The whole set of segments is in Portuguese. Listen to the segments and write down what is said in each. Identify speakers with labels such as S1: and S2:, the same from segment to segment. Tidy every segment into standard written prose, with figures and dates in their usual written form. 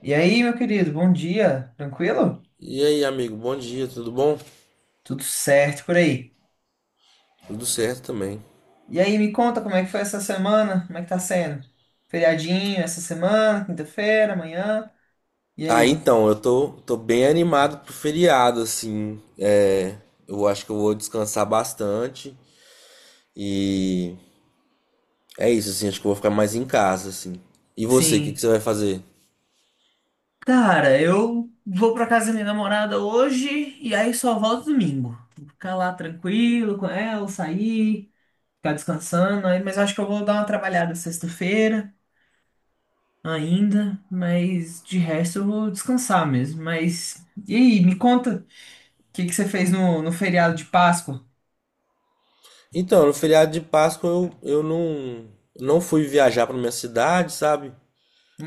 S1: E aí, meu querido, bom dia, tranquilo?
S2: E aí, amigo, bom dia, tudo bom?
S1: Tudo certo por aí.
S2: Tudo certo também.
S1: E aí, me conta como é que foi essa semana? Como é que tá sendo? Feriadinho essa semana, quinta-feira, amanhã. E
S2: Ah,
S1: aí?
S2: então, eu tô bem animado pro feriado, assim. É, eu acho que eu vou descansar bastante. E é isso, assim, acho que eu vou ficar mais em casa, assim. E você, o que que
S1: Sim.
S2: você vai fazer?
S1: Cara, eu vou pra casa da minha namorada hoje e aí só volto domingo. Vou ficar lá tranquilo com ela, sair, ficar descansando. Aí, mas acho que eu vou dar uma trabalhada sexta-feira ainda, mas de resto eu vou descansar mesmo. Mas e aí, me conta. O que que você fez no feriado de Páscoa?
S2: Então, no feriado de Páscoa eu não fui viajar pra minha cidade, sabe?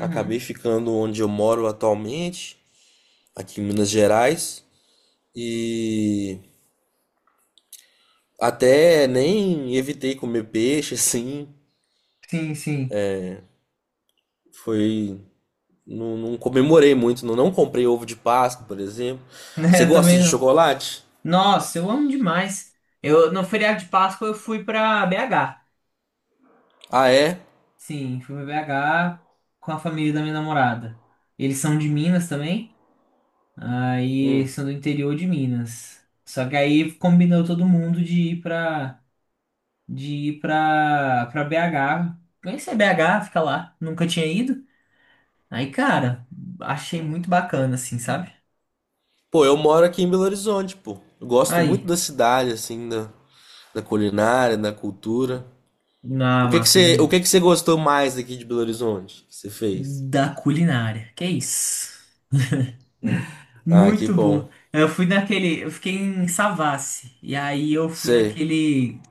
S2: Acabei ficando onde eu moro atualmente, aqui em Minas Gerais. E até nem evitei comer peixe, assim.
S1: Sim, sim.
S2: Foi. Não, não comemorei muito, não, não comprei ovo de Páscoa, por exemplo.
S1: Né,
S2: Você
S1: eu
S2: gosta
S1: também
S2: de
S1: não.
S2: chocolate?
S1: Nossa, eu amo demais. Eu, no feriado de Páscoa eu fui pra BH.
S2: Ah, é?
S1: Sim, fui pra BH com a família da minha namorada. Eles são de Minas também. Aí
S2: Hum.
S1: são do interior de Minas. Só que aí combinou todo mundo de ir pra, pra BH. Conhecer BH, fica lá. Nunca tinha ido. Aí, cara, achei muito bacana, assim, sabe?
S2: Pô, eu moro aqui em Belo Horizonte, pô. Eu gosto muito
S1: Aí.
S2: da cidade, assim, da, da culinária, da cultura.
S1: Ah,
S2: O que que
S1: massa
S2: você, o
S1: demais.
S2: que que você gostou mais aqui de Belo Horizonte? Que você fez?
S1: Da culinária. Que é isso?
S2: Ah, que
S1: Muito boa.
S2: bom.
S1: Eu fui naquele. Eu fiquei em Savassi. E aí eu fui
S2: Sei.
S1: naquele.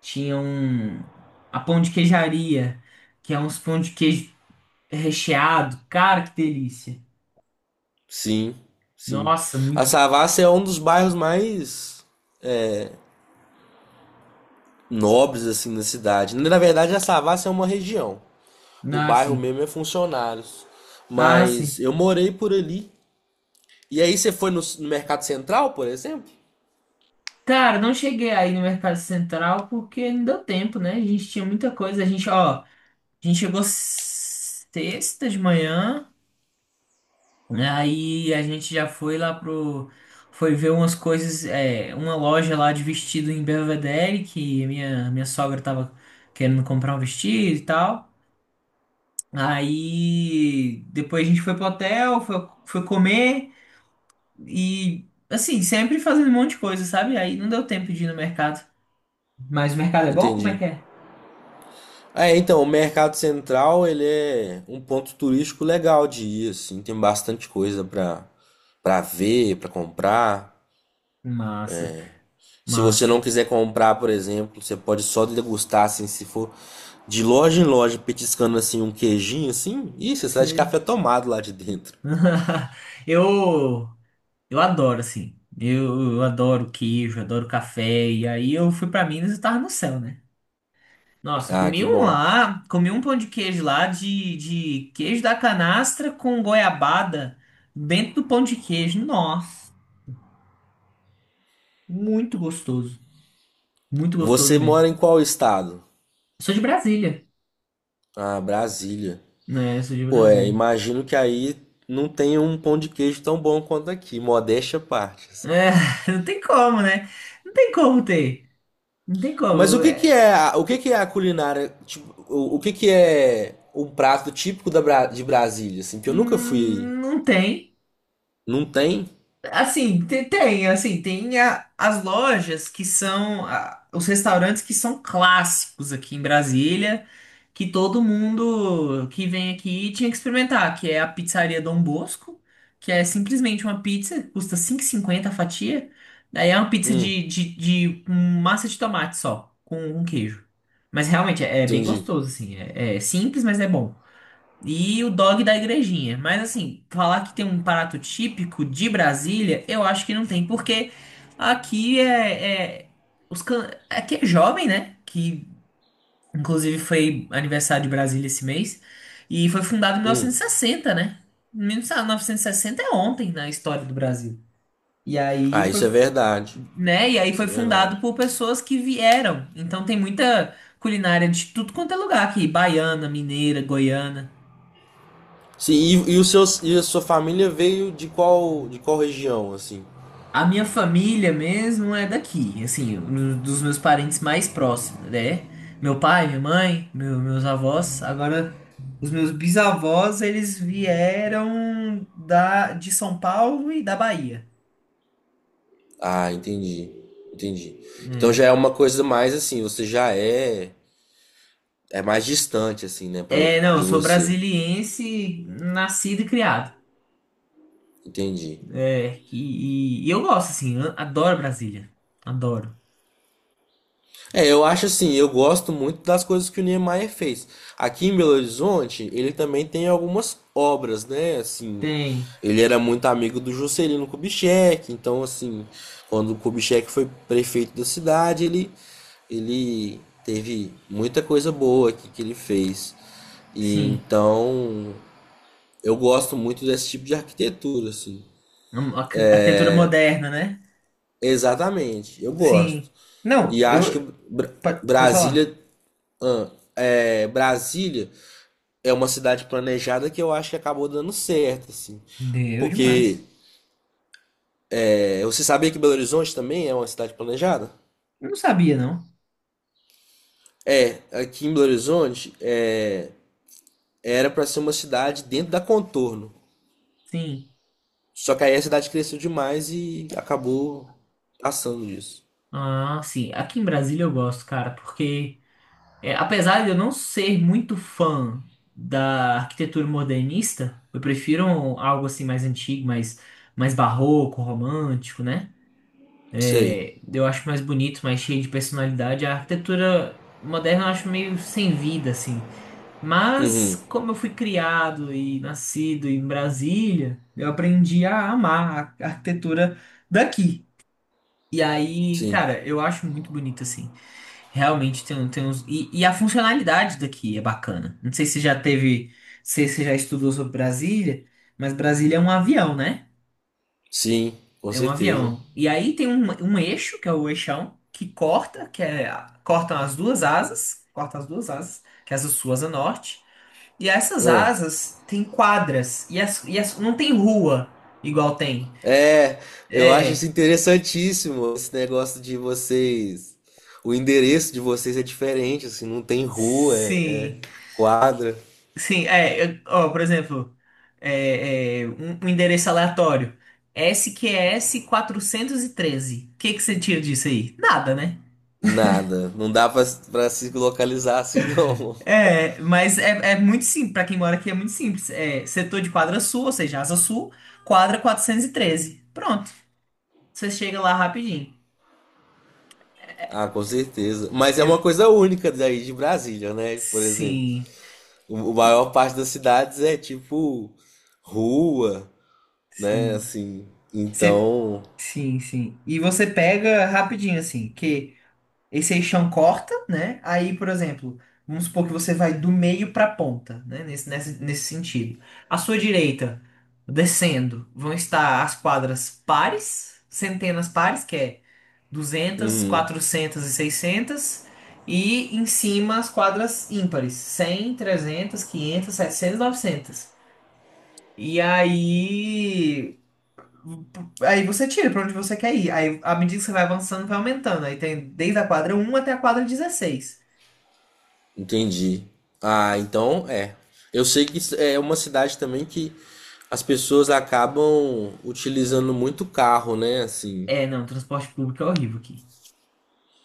S1: Tinha um. A pão de queijaria. Que é uns pão de queijo recheado. Cara, que delícia.
S2: Sim, sim.
S1: Nossa,
S2: A
S1: muito.
S2: Savassi é um dos bairros mais nobres, assim, da cidade. Na verdade, a Savassi é uma região. O
S1: Ah,
S2: bairro
S1: sim.
S2: mesmo é funcionários.
S1: Ah,
S2: Mas
S1: sim.
S2: eu morei por ali. E aí você foi no, no Mercado Central, por exemplo?
S1: Cara, não cheguei aí no Mercado Central porque não deu tempo, né? A gente tinha muita coisa. A gente, ó. A gente chegou sexta de manhã. Né, aí a gente já foi lá pro. Foi ver umas coisas, é, uma loja lá de vestido em Belvedere, que a minha sogra tava querendo comprar um vestido e tal. Aí depois a gente foi pro hotel, foi comer e assim, sempre fazendo um monte de coisa, sabe? Aí não deu tempo de ir no mercado. Mas o mercado é bom? Como é
S2: Entendi.
S1: que é?
S2: É, então, o Mercado Central, ele é um ponto turístico legal de ir, assim, tem bastante coisa pra ver, pra comprar.
S1: Massa,
S2: Se você
S1: massa.
S2: não quiser comprar, por exemplo, você pode só degustar, assim, se for de loja em loja, petiscando, assim, um queijinho, assim. Ih, você sai de
S1: Sei.
S2: café tomado lá de dentro.
S1: Eu. Eu adoro, assim. Eu adoro queijo, adoro café. E aí eu fui pra Minas e tava no céu, né? Nossa, eu
S2: Ah,
S1: comi
S2: que
S1: um
S2: bom.
S1: lá, comi um pão de queijo lá de queijo da canastra com goiabada dentro do pão de queijo. Nossa, muito gostoso. Muito gostoso
S2: Você
S1: mesmo.
S2: mora em qual estado?
S1: Eu sou de Brasília,
S2: Ah, Brasília.
S1: né? Eu sou de
S2: Pô, é,
S1: Brasília.
S2: imagino que aí não tenha um pão de queijo tão bom quanto aqui, modéstia à parte, assim.
S1: É, não tem como, né? Não tem como ter. Não tem
S2: Mas o
S1: como.
S2: que que
S1: É,
S2: é, a- o que que é a culinária, tipo, o que que é um prato típico da, Bra- de Brasília, assim, que eu nunca fui aí.
S1: não tem.
S2: Não tem?
S1: Assim, tem, assim, tem as lojas que são os restaurantes que são clássicos aqui em Brasília, que todo mundo que vem aqui tinha que experimentar, que é a Pizzaria Dom Bosco, que é simplesmente uma pizza, custa 5,50 a fatia. Daí é uma pizza
S2: Hum,
S1: de um massa de tomate só, com um queijo. Mas realmente é, é bem
S2: entendi.
S1: gostoso, assim, é, é simples, mas é bom. E o dog da igrejinha. Mas assim, falar que tem um prato típico de Brasília, eu acho que não tem, porque aqui é, é- os can... aqui é jovem, né? Que inclusive foi aniversário de Brasília esse mês e foi fundado em
S2: Hum.
S1: 1960, né? 1960 é ontem na história do Brasil. E aí
S2: Ah, isso é verdade.
S1: né? E aí
S2: Isso
S1: foi
S2: é
S1: fundado
S2: verdade.
S1: por pessoas que vieram. Então tem muita culinária de tudo quanto é lugar aqui, baiana, mineira, goiana.
S2: Sim, e o seu, e a sua família veio de qual região, assim?
S1: A minha família mesmo é daqui, assim, dos meus parentes mais próximos, né? Meu pai, minha mãe, meus avós. Agora, os meus bisavós, eles vieram de São Paulo e da Bahia.
S2: Ah, entendi. Entendi. Então já
S1: É.
S2: é uma coisa mais assim, você já é mais distante, assim, né, pra,
S1: É, não, eu
S2: de
S1: sou
S2: você.
S1: brasiliense, nascido e criado.
S2: Entendi.
S1: É, e eu gosto, assim, eu adoro Brasília. Adoro.
S2: É, eu acho assim, eu gosto muito das coisas que o Niemeyer fez. Aqui em Belo Horizonte, ele também tem algumas obras, né? Assim,
S1: Tem,
S2: ele era muito amigo do Juscelino Kubitschek, então assim, quando o Kubitschek foi prefeito da cidade, ele teve muita coisa boa aqui que ele fez. E
S1: sim.
S2: então, eu gosto muito desse tipo de arquitetura, assim.
S1: Um, arquitetura moderna, né?
S2: Exatamente, eu gosto.
S1: Sim. Não,
S2: E acho
S1: eu.
S2: que Bra-
S1: Pode, pode falar.
S2: Brasília, ah, é, Brasília é uma cidade planejada que eu acho que acabou dando certo, assim.
S1: Deu
S2: Porque
S1: demais.
S2: é, você sabia que Belo Horizonte também é uma cidade planejada?
S1: Eu não sabia, não.
S2: É, aqui em Belo Horizonte é, era para ser uma cidade dentro da Contorno.
S1: Sim.
S2: Só que aí a cidade cresceu demais e acabou passando disso.
S1: Ah, sim. Aqui em Brasília eu gosto, cara, porque é, apesar de eu não ser muito fã da arquitetura modernista, eu prefiro algo assim mais antigo, mais barroco, romântico, né?
S2: Sei,
S1: É, eu acho mais bonito, mais cheio de personalidade. A arquitetura moderna eu acho meio sem vida, assim. Mas como eu fui criado e nascido em Brasília, eu aprendi a amar a arquitetura daqui. E aí,
S2: sim,
S1: cara, eu acho muito bonito assim. Realmente tem, tem uns. E a funcionalidade daqui é bacana. Não sei se já teve. Se você já estudou sobre Brasília, mas Brasília é um avião, né?
S2: sim, com
S1: É um
S2: certeza.
S1: avião. E aí tem um, um eixo, que é o eixão, que corta, que é. Cortam as duas asas. Corta as duas asas, que é essa sua asa norte. E essas
S2: Ah.
S1: asas têm quadras. E as, não tem rua igual tem.
S2: É, eu acho isso
S1: É.
S2: interessantíssimo, esse negócio de vocês. O endereço de vocês é diferente, assim, não tem rua, é
S1: Sim.
S2: quadra,
S1: Sim, é, ó, por exemplo, um, um endereço aleatório, S Q S Q SQS 413. O que que você tira disso aí? Nada, né?
S2: nada. Não dá pra, pra se localizar assim, não.
S1: É, mas é, é muito simples, pra quem mora aqui é muito simples. É, setor de quadra sul, ou seja, asa sul, quadra quatrocentos e treze. Pronto, você chega lá rapidinho.
S2: Ah, com certeza. Mas é uma
S1: É,
S2: coisa única daí de Brasília, né? Por exemplo,
S1: sim,
S2: o, a maior
S1: e-
S2: parte das cidades é tipo rua, né?
S1: sim.
S2: Assim,
S1: Você,
S2: então.
S1: sim, sim. E você pega rapidinho, assim, que esse aí chão corta, né? Aí, por exemplo, vamos supor que você vai do meio para a ponta, né? Nesse sentido. À sua direita, descendo, vão estar as quadras pares, centenas pares, que é 200, 400 e seiscentas. E em cima as quadras ímpares, 100, 300, 500, 700, 900. E aí Aí você tira pra onde você quer ir. Aí, à medida que você vai avançando, vai aumentando. Aí tem desde a quadra um até a quadra 16.
S2: Entendi. Ah, então é. Eu sei que isso é uma cidade também que as pessoas acabam utilizando muito carro, né? Assim.
S1: É, não, transporte público é horrível aqui.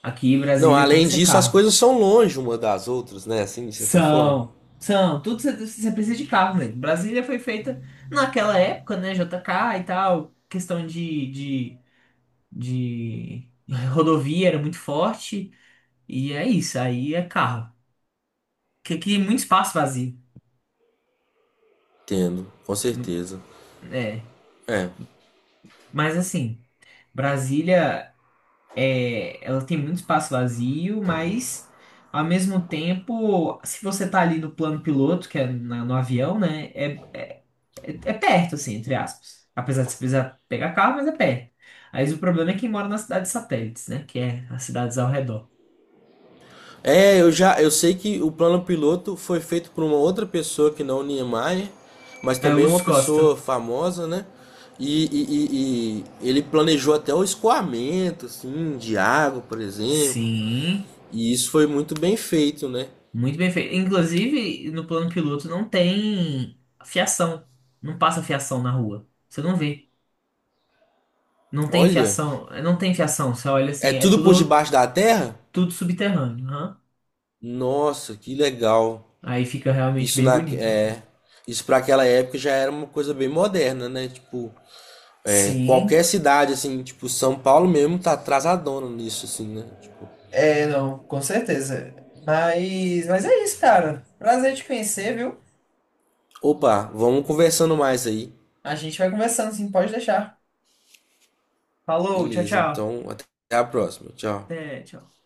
S1: Aqui em
S2: Não,
S1: Brasília tem
S2: além
S1: que ser
S2: disso, as
S1: carro.
S2: coisas são longe uma das outras, né? Assim, de certa forma.
S1: São, são, tudo você precisa de carro mesmo. Brasília foi feita naquela época, né? JK e tal, questão de rodovia era muito forte. E é isso, aí é carro. Que aqui é muito espaço vazio.
S2: Entendo, com
S1: Mu-
S2: certeza.
S1: É,
S2: É.
S1: mas assim. Brasília é, ela tem muito espaço vazio, mas ao mesmo tempo, se você tá ali no plano piloto, que é no avião, né? É perto, assim, entre aspas. Apesar de você precisar pegar carro, mas é perto. Aí o problema é quem mora nas cidades satélites, né? Que é as cidades ao redor.
S2: É, eu já, eu sei que o plano piloto foi feito por uma outra pessoa que não o Niemeyer, mas
S1: É o
S2: também
S1: Lúcio
S2: uma pessoa
S1: Costa.
S2: famosa, né? E, e ele planejou até o escoamento, assim, de água, por exemplo.
S1: Sim,
S2: E isso foi muito bem feito, né?
S1: muito bem feito. Inclusive, no plano piloto não tem fiação. Não passa fiação na rua. Você não vê. Não tem
S2: Olha,
S1: fiação, não tem fiação. Você olha
S2: é
S1: assim, é
S2: tudo por
S1: tudo
S2: debaixo da terra?
S1: Tudo subterrâneo, aham.
S2: Nossa, que legal.
S1: Aí fica realmente
S2: Isso
S1: bem
S2: na
S1: bonito, assim.
S2: é, isso para aquela época já era uma coisa bem moderna, né? Tipo, é,
S1: Sim,
S2: qualquer cidade assim, tipo São Paulo mesmo tá atrasadona nisso assim, né? Tipo,
S1: é, não, com certeza. Mas é isso, cara. Prazer te conhecer, viu?
S2: opa, vamos conversando mais aí.
S1: A gente vai conversando, sim, pode deixar. Falou, tchau,
S2: Beleza,
S1: tchau.
S2: então até a próxima. Tchau.
S1: Até tchau.